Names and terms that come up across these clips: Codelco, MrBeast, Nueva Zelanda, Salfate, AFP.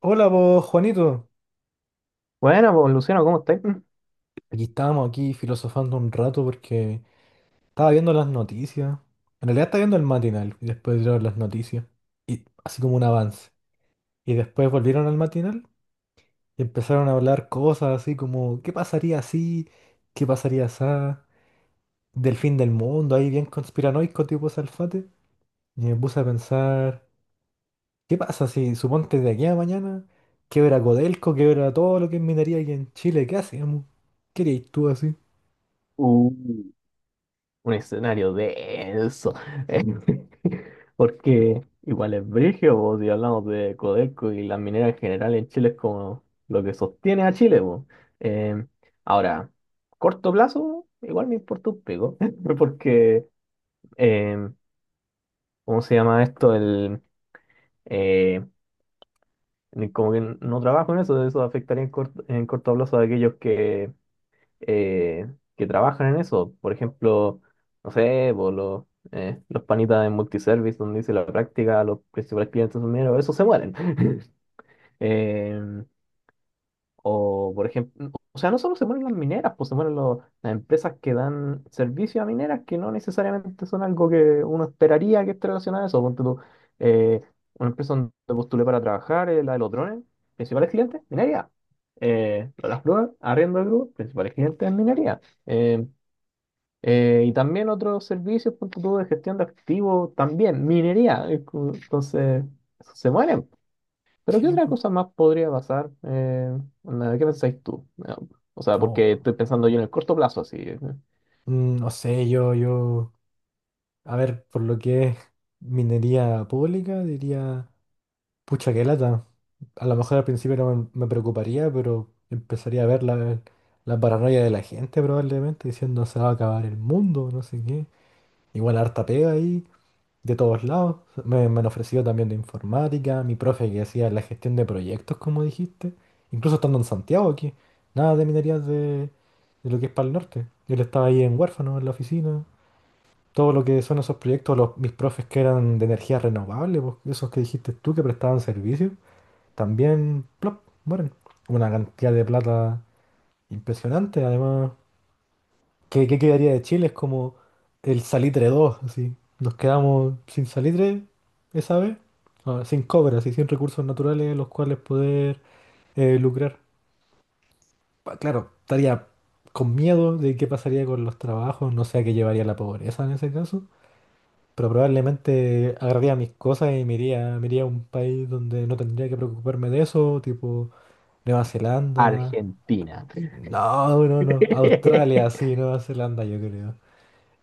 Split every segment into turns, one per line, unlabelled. Hola vos, Juanito.
Bueno, pues Luciano, ¿cómo estáis?
Aquí estábamos aquí filosofando un rato porque estaba viendo las noticias. En realidad estaba viendo el matinal y después vieron las noticias. Y así como un avance. Y después volvieron al matinal y empezaron a hablar cosas así como ¿qué pasaría si? ¿Qué pasaría esa? Del fin del mundo, ahí bien conspiranoico tipo Salfate. Y me puse a pensar, ¿qué pasa si suponte de aquí a mañana quebra Codelco, quebra todo lo que es minería aquí en Chile? ¿Qué hacemos? ¿Qué harías tú así?
Uh, Un escenario denso. eh, Porque igual es brigio, po, si hablamos de Codelco y las mineras en general en Chile es como lo que sostiene a Chile, po. Eh, ahora, Corto plazo, igual me importa un pico, porque, eh, ¿cómo se llama esto? Eh, Como que no trabajo en eso, eso afectaría en corto plazo a aquellos que trabajan en eso. Por ejemplo, no sé, po, los panitas de multiservice, donde hice la práctica, los principales clientes son mineros, esos se mueren. Eh, o, por ejemplo, o sea, no solo se mueren las mineras, pues se mueren las empresas que dan servicio a mineras que no necesariamente son algo que uno esperaría que esté relacionado a eso. Ponte tú, eh, una empresa donde postulé para trabajar, la de los drones, principales clientes, minería. Lo de las grúas, arriendo de grúas, principales clientes, minería. Eh, y también otros servicios, punto tú, de gestión de activos, también minería. Es como... Entonces, se mueren. ¿Pero qué
Sí,
otra
po.
cosa más podría pasar? Onda, ¿qué pensáis tú? O sea,
No,
porque estoy pensando yo en el corto plazo, así.
no sé, yo, a ver, por lo que es minería pública, diría, pucha, qué lata. A lo mejor al principio no me preocuparía, pero empezaría a ver la paranoia de la gente probablemente, diciendo se va a acabar el mundo, no sé qué. Igual harta pega ahí, de todos lados. Me han ofrecido también de informática, mi profe que hacía la gestión de proyectos, como dijiste, incluso estando en Santiago aquí, nada de minerías de lo que es para el norte. Yo le estaba ahí en huérfano, en la oficina. Todo lo que son esos proyectos, mis profes que eran de energía renovable, pues, esos que dijiste tú que prestaban servicio, también plop, mueren. Una cantidad de plata impresionante, además. Qué quedaría de Chile? Es como el salitre 2 así. Nos quedamos sin salitre esa vez, ah, sin cobre, así, sin recursos naturales los cuales poder lucrar. Claro, estaría con miedo de qué pasaría con los trabajos, no sé a qué llevaría la pobreza en ese caso. Pero probablemente agarraría mis cosas y me iría a un país donde no tendría que preocuparme de eso, tipo Nueva Zelanda.
Argentina.
No, no, no. Australia, sí, Nueva Zelanda, yo creo.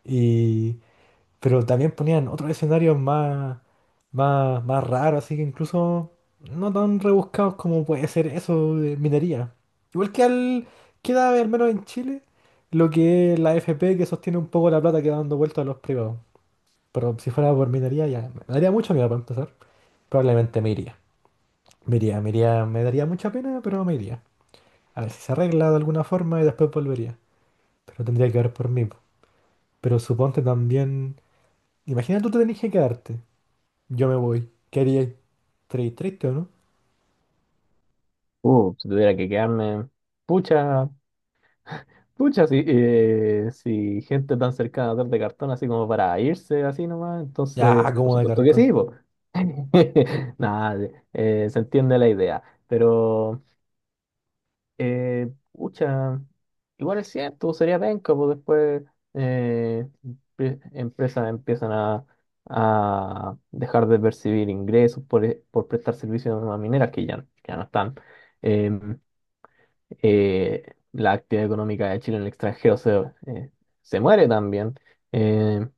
Y, pero también ponían otros escenarios más raros, así que incluso no tan rebuscados como puede ser eso de minería. Igual que al, queda al menos en Chile, lo que es la AFP que sostiene un poco la plata que da dando vuelta a los privados. Pero si fuera por mi daría ya. Me daría mucho miedo para empezar. Probablemente me iría. Me daría mucha pena, pero me iría. A ver si se arregla de alguna forma y después volvería. Pero tendría que ver por mí. Po. Pero suponte también. Imagina tú te tenés que quedarte. Yo me voy. ¿Qué harías? Triste o no?
Si tuviera que quedarme. Pucha, pucha, si gente tan cercana a dar de cartón así como para irse así nomás, entonces,
Ya,
por
como de
supuesto que sí,
cartón.
po. Nada, se entiende la idea. Pero pucha, igual es cierto, sería penca, pues después eh, empresas empiezan a dejar de percibir ingresos por prestar servicios a mineras que ya, ya no están. Em, eh, la actividad económica de Chile en el extranjero eh, se muere también. Em,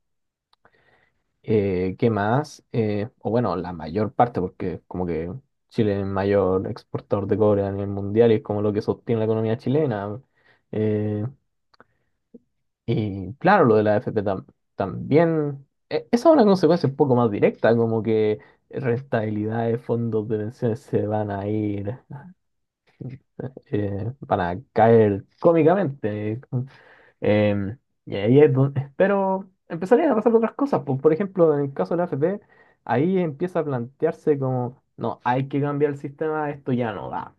¿Qué más? O bueno, la mayor parte, porque como que Chile es el mayor exportador de cobre a nivel mundial y es como lo que sostiene la economía chilena. Eh, y claro, lo de la también, esa es una consecuencia un poco más directa, como que rentabilidad de fondos de pensiones se van a ir, van a caer cómicamente. Em, y ahí es donde, pero empezarían a pasar otras cosas. Por ejemplo, en el caso de la AFP, ahí empieza a plantearse como, no, hay que cambiar el sistema, esto ya no va.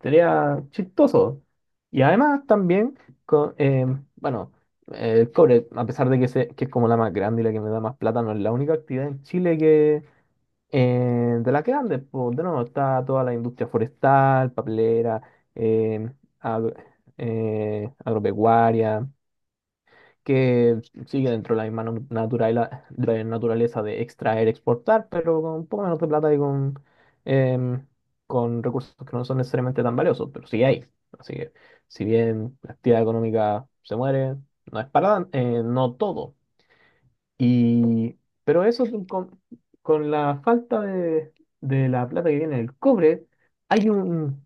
Sería chistoso. Y además también, bueno, el cobre, a pesar de que es como la más grande y la que me da más plata, no es la única actividad en Chile que de la que grande. Pues, de nuevo, está toda la industria forestal, papelera, em, agro- agropecuaria que sigue dentro de la misma naturaleza naturaleza de extraer, exportar, pero con un poco menos de plata y em, con recursos que no son necesariamente tan valiosos, pero sí hay. Así que si bien la actividad económica se muere, no es para tan no todo. Y, pero eso es con la falta de la plata que viene del cobre, hay un,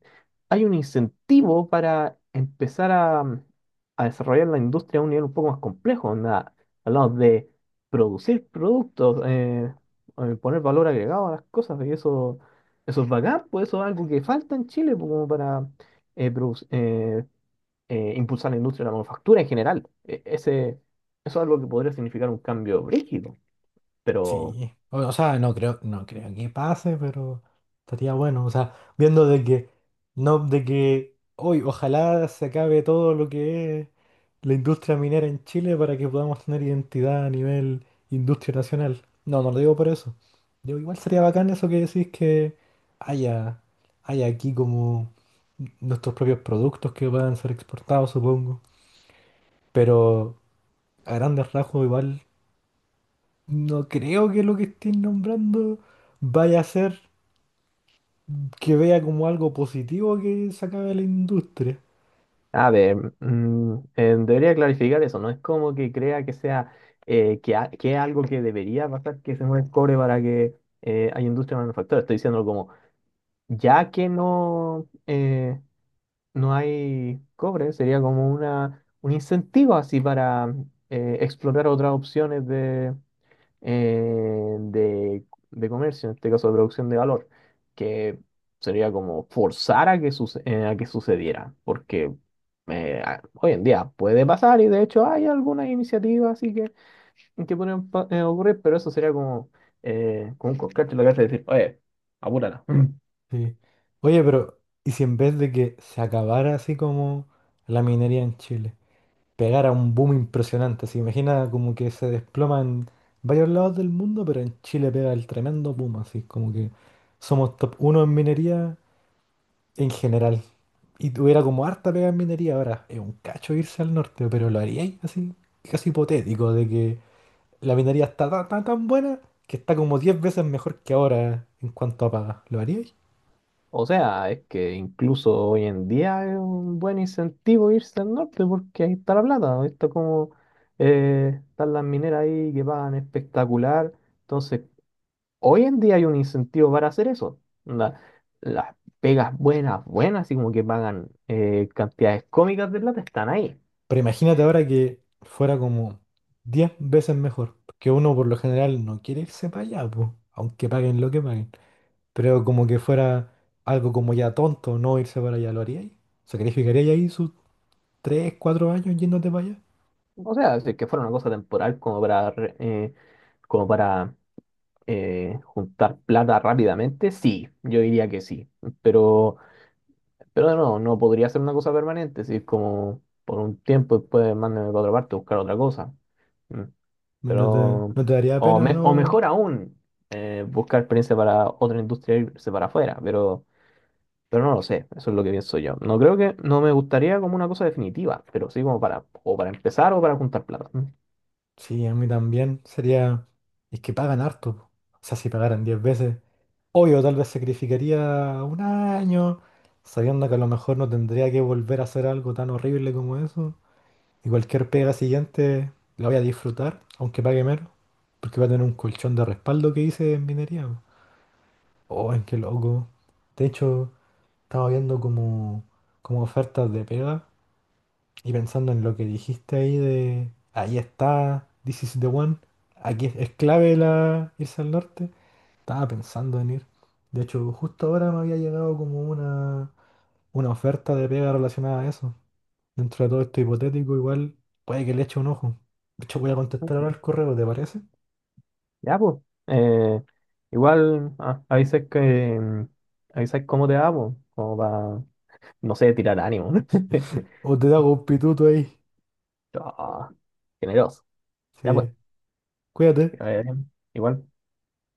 hay un incentivo para empezar a desarrollar la industria a un nivel un poco más complejo. Onda, hablamos de producir productos, poner valor agregado a las cosas, eso es bacán, pues eso es algo que falta en Chile, pues, como para eh, produc- eh, impulsar la industria de la manufactura en general. Eso es algo que podría significar un cambio brígido, pero,
Sí, o sea, no creo que pase, pero estaría bueno, o sea, viendo de que, no, de que hoy ojalá se acabe todo lo que es la industria minera en Chile para que podamos tener identidad a nivel industria nacional. No, no lo digo por eso. Digo, igual sería bacán eso que decís que haya, haya aquí como nuestros propios productos que puedan ser exportados, supongo. Pero a grandes rasgos igual no creo que lo que estén nombrando vaya a ser que vea como algo positivo que se acabe la industria.
a ver, debería clarificar eso, no es como que crea que sea, que es algo que debería pasar, que se mueva el cobre para que haya industria de manufactura. Estoy diciendo como, ya que no, no hay cobre, sería como un incentivo así para explorar otras opciones eh, de, de comercio, en este caso de producción de valor, que sería como forzar a que a que sucediera, porque hoy en día puede pasar y de hecho hay algunas iniciativas que pueden ocurrir, pero eso sería como, como un coscacho en la cabeza y decir, oye, apúrala.
Sí. Oye, pero ¿y si en vez de que se acabara así como la minería en Chile, pegara un boom impresionante? Se imagina como que se desploma en varios lados del mundo, pero en Chile pega el tremendo boom, así como que somos top uno en minería en general. Y tuviera como harta pega en minería ahora. Es un cacho irse al norte, pero lo haríais así, casi hipotético, de que la minería está tan buena que está como 10 veces mejor que ahora en cuanto a paga. ¿Lo haríais?
O sea, es que incluso hoy en día es un buen incentivo irse al norte porque ahí está la plata, ahí está como están las mineras ahí que pagan espectacular. Entonces, hoy en día hay un incentivo para hacer eso. Onda, las pegas buenas, buenas, así como que pagan cantidades cómicas de plata, están ahí.
Pero imagínate ahora que fuera como 10 veces mejor, que uno por lo general no quiere irse para allá, po, aunque paguen lo que paguen. Pero como que fuera algo como ya tonto no irse para allá, ¿lo haríais? ¿Sacrificaríais ahí sus 3 4 años yéndote para allá?
O sea, si es que fuera una cosa temporal como para, como para juntar plata rápidamente, sí, yo diría que sí. Pero Pero no, no podría ser una cosa permanente, si es como por un tiempo después mándame para otra parte, a buscar otra cosa. Mm,
¿No te,
pero,
no te daría pena,
o
no?
mejor aún, buscar experiencia para otra industria e irse para afuera, pero no lo sé, eso es lo que pienso yo. No creo que, no me gustaría como una cosa definitiva, pero sí como para, o para empezar o para juntar plata. Mm.
Sí, a mí también. Sería... Es que pagan harto. Po. O sea, si pagaran 10 veces, obvio, tal vez sacrificaría un año, sabiendo que a lo mejor no tendría que volver a hacer algo tan horrible como eso. Y cualquier pega siguiente la voy a disfrutar, aunque pague menos, porque va a tener un colchón de respaldo que hice en minería. Po. Oh, qué loco. De hecho, estaba viendo como ofertas de pega. Y pensando en lo que dijiste ahí de, ahí está, this is the one, aquí es clave la, irse al norte, estaba pensando en ir. De hecho, justo ahora me había llegado como una oferta de pega relacionada a eso. Dentro de todo esto hipotético, igual puede que le eche un ojo. De hecho, voy a contestar ahora
Mm,
el correo, ¿te parece?
ya, pues, eh, igual ah, mm, avisas cómo te va, pues, como para, no sé, tirar ánimo.
O te hago un pituto ahí.
Ah, generoso. Ya pues,
Sí,
que
cuídate.
vaya bien. Igual.